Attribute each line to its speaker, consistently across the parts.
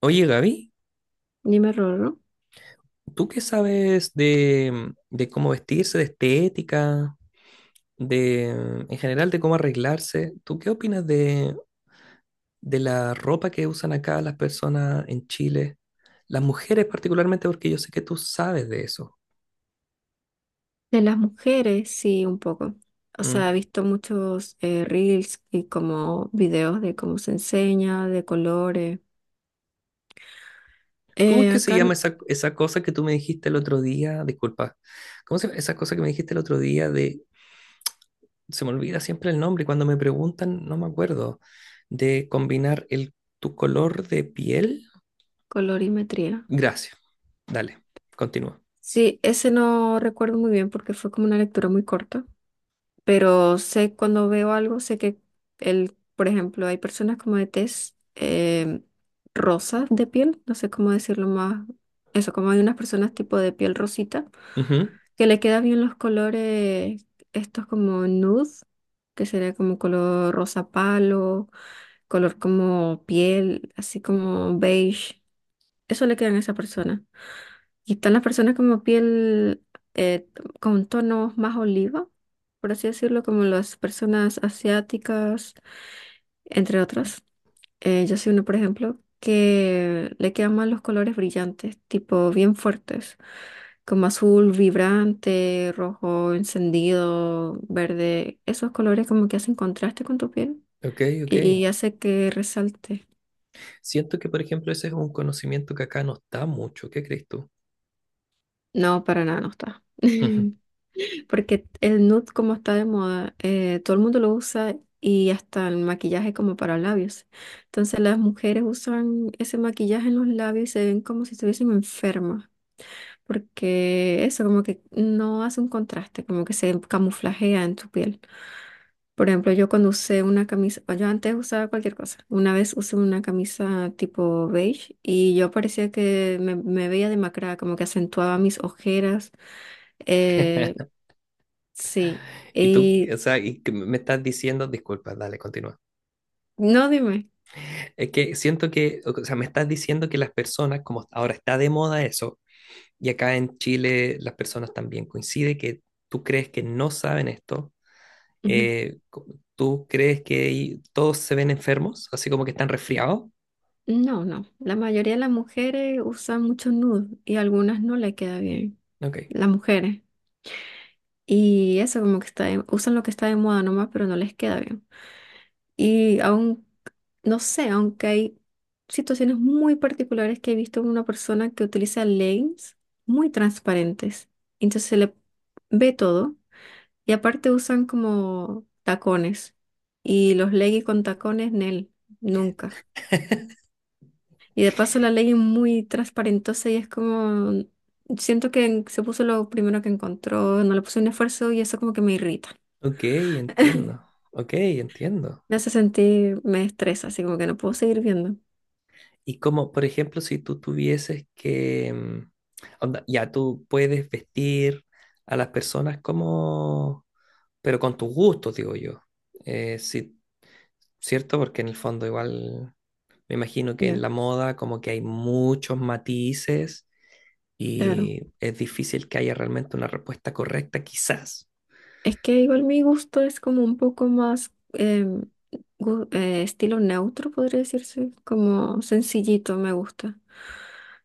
Speaker 1: Oye, Gaby,
Speaker 2: Dime, Rorro.
Speaker 1: ¿tú qué sabes de cómo vestirse, de estética, de, en general, de cómo arreglarse? ¿Tú qué opinas de la ropa que usan acá las personas en Chile? Las mujeres particularmente, porque yo sé que tú sabes de eso.
Speaker 2: De las mujeres, sí, un poco. O sea, he
Speaker 1: ¿Mm?
Speaker 2: visto muchos reels y como videos de cómo se enseña, de colores.
Speaker 1: ¿Cómo es que se
Speaker 2: Acá,
Speaker 1: llama
Speaker 2: en
Speaker 1: esa cosa que tú me dijiste el otro día? Disculpa. ¿Cómo se llama esa cosa que me dijiste el otro día de... Se me olvida siempre el nombre y cuando me preguntan no me acuerdo. De combinar el, tu color de piel.
Speaker 2: colorimetría.
Speaker 1: Gracias. Dale, continúa.
Speaker 2: Sí, ese no recuerdo muy bien porque fue como una lectura muy corta, pero sé cuando veo algo, sé que el, por ejemplo, hay personas como de tez rosa de piel, no sé cómo decirlo más, eso, como hay unas personas tipo de piel rosita
Speaker 1: Ujú.
Speaker 2: que le queda bien los colores, estos como nude, que sería como color rosa palo, color como piel, así como beige. Eso le quedan a esa persona. Y están las personas como piel eh, con tonos más oliva, por así decirlo, como las personas asiáticas, entre otras. Yo soy uno, por ejemplo, que le quedan mal los colores brillantes, tipo bien fuertes, como azul vibrante, rojo encendido, verde. Esos colores como que hacen contraste con tu piel
Speaker 1: Ok,
Speaker 2: y
Speaker 1: ok.
Speaker 2: hace que resalte.
Speaker 1: Siento que, por ejemplo, ese es un conocimiento que acá no está mucho. ¿Qué crees tú?
Speaker 2: No, para nada no está. Porque el nude como está de moda, todo el mundo lo usa y hasta el maquillaje como para labios. Entonces las mujeres usan ese maquillaje en los labios y se ven como si estuviesen enfermas. Porque eso como que no hace un contraste, como que se camuflajea en tu piel. Por ejemplo, yo cuando usé una camisa, o yo antes usaba cualquier cosa, una vez usé una camisa tipo beige y yo parecía que me veía demacrada, como que acentuaba mis ojeras. Eh, sí,
Speaker 1: Y tú, o
Speaker 2: y
Speaker 1: sea, y que me estás diciendo, disculpa, dale, continúa.
Speaker 2: no dime.
Speaker 1: Es que siento que, o sea, me estás diciendo que las personas, como ahora está de moda eso, y acá en Chile las personas también coincide que tú crees que no saben esto,
Speaker 2: Ujú.
Speaker 1: eh, co- tú crees que todos se ven enfermos, así como que están resfriados.
Speaker 2: No, la mayoría de las mujeres usan mucho nude y algunas no le queda bien,
Speaker 1: Ok.
Speaker 2: las mujeres. Y eso como que está, usan lo que está de moda nomás, pero no les queda bien. Y aún, no sé, aunque hay situaciones muy particulares que he visto en una persona que utiliza lentes muy transparentes. Entonces se le ve todo y aparte usan como tacones. Y los leggings con tacones, Nel, nunca. Y de paso la legging muy transparentosa y es como, siento que se puso lo primero que encontró, no le puso un esfuerzo y eso como que me irrita.
Speaker 1: Ok, entiendo. Ok, entiendo.
Speaker 2: Me hace sentir, me estresa, así como que no puedo seguir viendo.
Speaker 1: Y como, por ejemplo, si tú tuvieses que, onda, ya tú puedes vestir a las personas como, pero con tus gustos, digo yo. Sí, cierto, porque en el fondo igual me imagino que en
Speaker 2: Ya,
Speaker 1: la moda como que hay muchos matices
Speaker 2: claro.
Speaker 1: y es difícil que haya realmente una respuesta correcta, quizás.
Speaker 2: Es que igual mi gusto es como un poco más estilo neutro, podría decirse, como sencillito me gusta.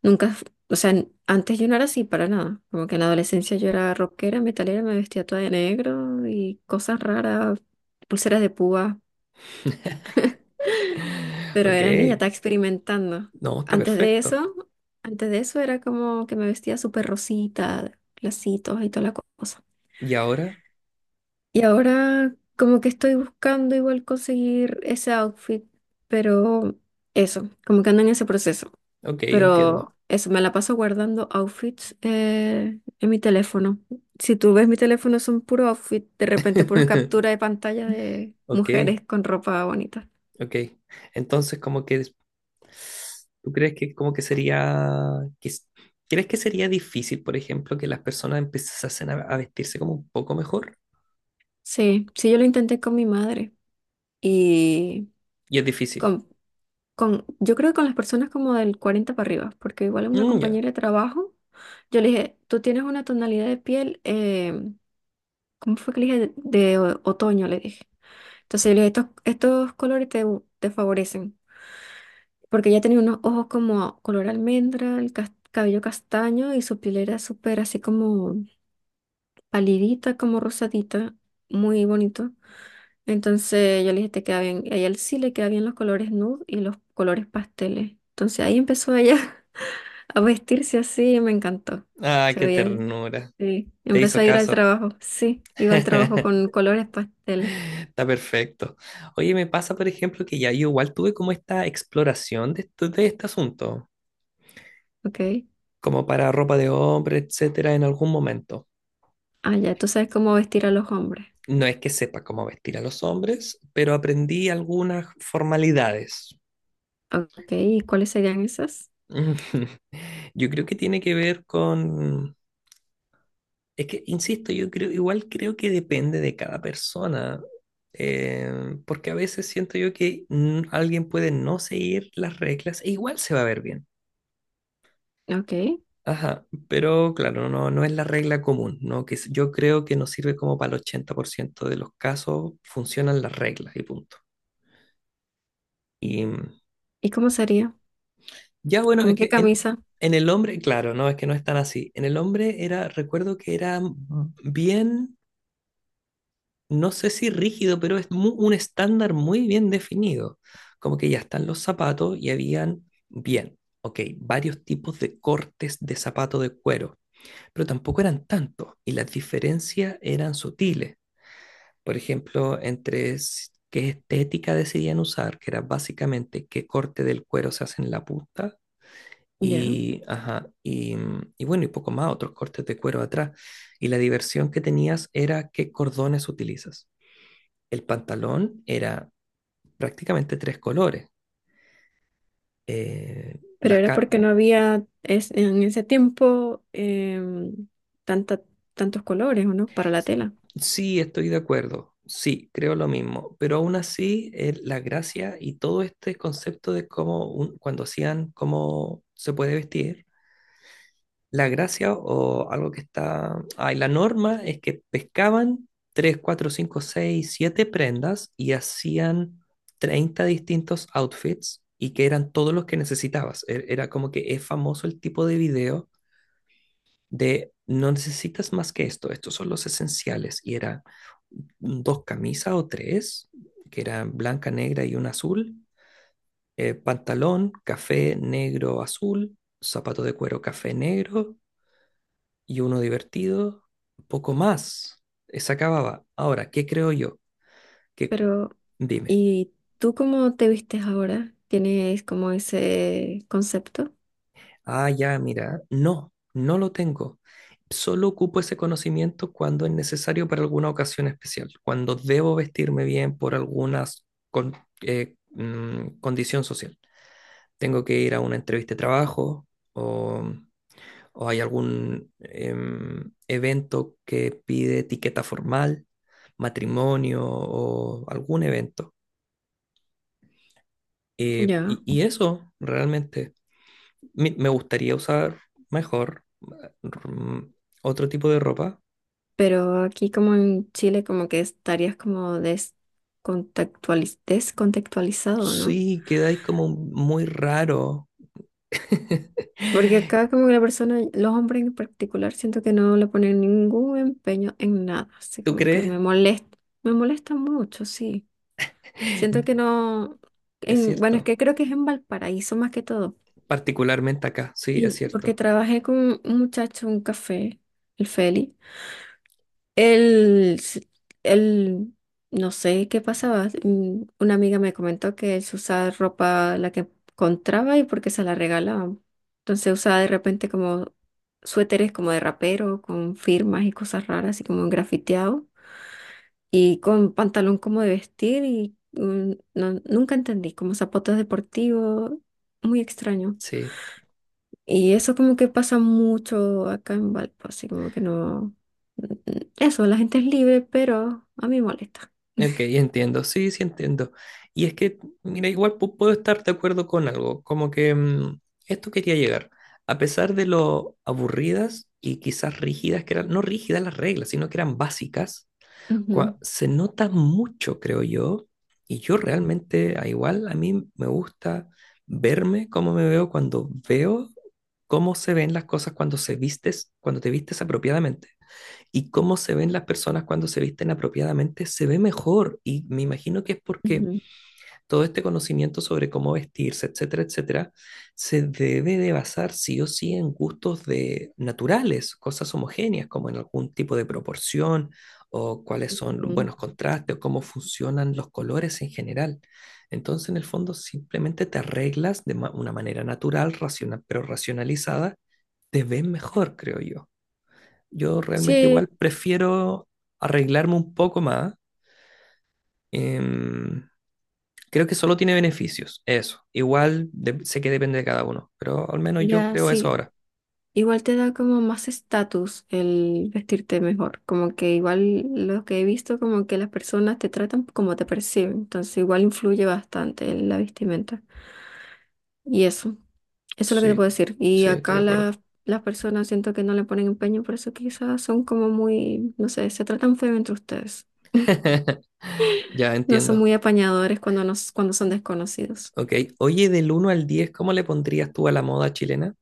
Speaker 2: Nunca, o sea, antes yo no era así para nada. Como que en la adolescencia yo era rockera, metalera, me vestía toda de negro y cosas raras, pulseras de púa. Pero
Speaker 1: Ok,
Speaker 2: era niña, estaba experimentando.
Speaker 1: no, está
Speaker 2: Antes de
Speaker 1: perfecto.
Speaker 2: eso, antes de eso era como que me vestía súper rosita, lacitos y toda la cosa.
Speaker 1: Y ahora,
Speaker 2: Y ahora como que estoy buscando igual conseguir ese outfit, pero eso, como que ando en ese proceso.
Speaker 1: ok,
Speaker 2: Pero
Speaker 1: entiendo.
Speaker 2: eso, me la paso guardando outfits en mi teléfono. Si tú ves mi teléfono son puros outfits de repente puras capturas de pantalla de
Speaker 1: Ok,
Speaker 2: mujeres con ropa bonita.
Speaker 1: ok. Entonces, como que tú crees que como que sería que s- ¿crees que sería difícil, por ejemplo, que las personas empezasen a vestirse como un poco mejor?
Speaker 2: Sí, sí, yo lo intenté con mi madre y
Speaker 1: Y es difícil.
Speaker 2: con, yo creo que con las personas como del 40 para arriba, porque igual a una
Speaker 1: Mm, ya.
Speaker 2: compañera de trabajo, yo le dije, tú tienes una tonalidad de piel, ¿cómo fue que le dije? De otoño, le dije. Entonces yo le dije, estos colores te favorecen, porque ella tenía unos ojos como color almendra, el cabello castaño y su piel era súper así como palidita, como rosadita, muy bonito. Entonces yo le dije, te queda bien. Y a ella sí le queda bien los colores nude y los colores pasteles. Entonces ahí empezó ella a vestirse así, me encantó.
Speaker 1: Ah,
Speaker 2: Se
Speaker 1: qué
Speaker 2: veía,
Speaker 1: ternura.
Speaker 2: sí.
Speaker 1: Te
Speaker 2: Empezó
Speaker 1: hizo
Speaker 2: a ir al
Speaker 1: caso.
Speaker 2: trabajo. Sí, iba al trabajo con colores pasteles.
Speaker 1: Está perfecto. Oye, me pasa, por ejemplo, que ya yo igual tuve como esta exploración de este asunto,
Speaker 2: Ok.
Speaker 1: como para ropa de hombre, etcétera, en algún momento.
Speaker 2: Ah, ya, tú sabes cómo vestir a los hombres.
Speaker 1: No es que sepa cómo vestir a los hombres, pero aprendí algunas formalidades.
Speaker 2: Ok, ¿y cuáles serían esas?
Speaker 1: Yo creo que tiene que ver con... Es que, insisto, yo creo, igual creo que depende de cada persona, porque a veces siento yo que alguien puede no seguir las reglas e igual se va a ver bien.
Speaker 2: Ok.
Speaker 1: Ajá, pero claro, no, no es la regla común, ¿no? Yo creo que nos sirve como para el 80% de los casos funcionan las reglas y punto. mm,
Speaker 2: ¿Y cómo sería?
Speaker 1: Ya bueno,
Speaker 2: ¿Con
Speaker 1: es
Speaker 2: qué
Speaker 1: que
Speaker 2: camisa?
Speaker 1: en el hombre, claro, no, es que no es tan así. En el hombre era, recuerdo que era bien, no sé si rígido, pero es un estándar muy bien definido. Como que ya están los zapatos y habían, bien, ok, varios tipos de cortes de zapato de cuero, pero tampoco eran tantos y las diferencias eran sutiles. Por ejemplo, entre qué estética decidían usar, que era básicamente qué corte del cuero se hace en la punta
Speaker 2: Ya.
Speaker 1: y, ajá, y bueno, y poco más, otros cortes de cuero atrás. Y la diversión que tenías era qué cordones utilizas. El pantalón era prácticamente tres colores. Eh,
Speaker 2: Pero
Speaker 1: las
Speaker 2: era
Speaker 1: ca-
Speaker 2: porque no había en ese tiempo tanta, tantos colores, ¿o no? Para la tela.
Speaker 1: sí, estoy de acuerdo. Sí, creo lo mismo. Pero aún así, la gracia y todo este concepto de cómo, cuando hacían cómo se puede vestir. La gracia o algo que está... Ay, la norma es que pescaban 3 4 5 6 7 prendas y hacían 30 distintos outfits y que eran todos los que necesitabas. Era como que es famoso el tipo de video de no necesitas más que esto, estos son los esenciales. Y era dos camisas o tres, que eran blanca, negra y una azul, pantalón, café, negro, azul, zapatos de cuero, café, negro y uno divertido, poco más. Se acababa. Ahora, ¿qué creo yo? Que
Speaker 2: Pero,
Speaker 1: dime.
Speaker 2: ¿y tú cómo te vistes ahora? ¿Tienes como ese concepto?
Speaker 1: Ah, ya, mira, no, no lo tengo. Solo ocupo ese conocimiento cuando es necesario para alguna ocasión especial, cuando debo vestirme bien por alguna condición social. Tengo que ir a una entrevista de trabajo o, o hay algún evento que pide etiqueta formal, matrimonio o algún evento.
Speaker 2: Ya.
Speaker 1: Y, y eso realmente me gustaría usar mejor mm, otro tipo de ropa.
Speaker 2: Pero aquí como en Chile como que estarías como descontextualizado, ¿no?
Speaker 1: Sí, quedáis como muy raro.
Speaker 2: Porque acá como que la persona, los hombres en particular, siento que no le ponen ningún empeño en nada, así
Speaker 1: ¿Tú
Speaker 2: como que
Speaker 1: crees?
Speaker 2: me molesta mucho, sí. Siento que no,
Speaker 1: Es
Speaker 2: en, bueno, es
Speaker 1: cierto.
Speaker 2: que creo que es en Valparaíso más que todo.
Speaker 1: Particularmente acá, sí,
Speaker 2: Sí,
Speaker 1: es
Speaker 2: porque
Speaker 1: cierto.
Speaker 2: trabajé con un muchacho, en un café, el Feli. El, s- el, no sé qué pasaba. Una amiga me comentó que él usaba ropa la que encontraba y porque se la regalaban. Entonces usaba de repente como suéteres como de rapero, con firmas y cosas raras, así como grafiteado, y con pantalón como de vestir y nunca entendí, como zapatos deportivos, muy extraño.
Speaker 1: Sí,
Speaker 2: Y eso como que pasa mucho acá en Valpo, así como que no... mm, Eso, la gente es libre, pero a mí molesta.
Speaker 1: ok, entiendo, sí, sí entiendo. Y es que, mira, igual puedo estar de acuerdo con algo, como que esto quería llegar. A pesar de lo aburridas y quizás rígidas que eran, no rígidas las reglas, sino que eran básicas,
Speaker 2: Ujú,
Speaker 1: se nota mucho, creo yo, y yo realmente, a igual, a mí me gusta verme cómo me veo cuando veo cómo se ven las cosas cuando se vistes, cuando te vistes apropiadamente. Y cómo se ven las personas cuando se visten apropiadamente, se ve mejor. Y me imagino que es porque
Speaker 2: ujú.
Speaker 1: todo este conocimiento sobre cómo vestirse, etcétera, etcétera, se debe de basar sí o sí en gustos de naturales, cosas homogéneas, como en algún tipo de proporción o cuáles son
Speaker 2: Ujú.
Speaker 1: buenos contrastes o cómo funcionan los colores en general. Entonces, en el fondo, simplemente te arreglas de una manera natural, racional, pero racionalizada, te ves mejor, creo yo. Yo realmente igual
Speaker 2: Sí,
Speaker 1: prefiero arreglarme un poco más. Em, Creo que solo tiene beneficios, eso. Igual sé que depende de cada uno, pero al menos yo
Speaker 2: ya,
Speaker 1: creo eso
Speaker 2: sí.
Speaker 1: ahora.
Speaker 2: Igual te da como más estatus el vestirte mejor, como que igual lo que he visto, como que las personas te tratan como te perciben, entonces igual influye bastante en la vestimenta. Y eso es lo que te puedo
Speaker 1: Sí,
Speaker 2: decir. Y
Speaker 1: sí, estoy
Speaker 2: acá
Speaker 1: de acuerdo.
Speaker 2: las personas siento que no le ponen empeño, por eso quizás son como muy, no sé, se tratan feo entre ustedes.
Speaker 1: Ya
Speaker 2: No son
Speaker 1: entiendo.
Speaker 2: muy apañadores cuando, cuando son desconocidos.
Speaker 1: Ok, oye, del 1 al 10, ¿cómo le pondrías tú a la moda chilena?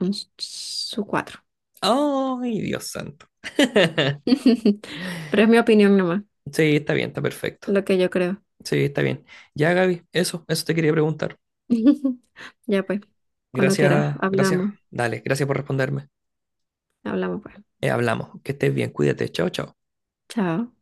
Speaker 2: Su cuatro.
Speaker 1: ¡Ay, Dios santo!
Speaker 2: Pero es mi opinión nomás,
Speaker 1: Sí, está bien, está perfecto.
Speaker 2: lo que yo creo.
Speaker 1: Sí, está bien. Ya, Gaby, eso te quería preguntar.
Speaker 2: Ya pues, cuando quieras,
Speaker 1: Gracias, gracias.
Speaker 2: hablamos,
Speaker 1: Dale, gracias por responderme.
Speaker 2: hablamos pues.
Speaker 1: Hablamos. Que estés bien. Cuídate. Chao, chao.
Speaker 2: Chao.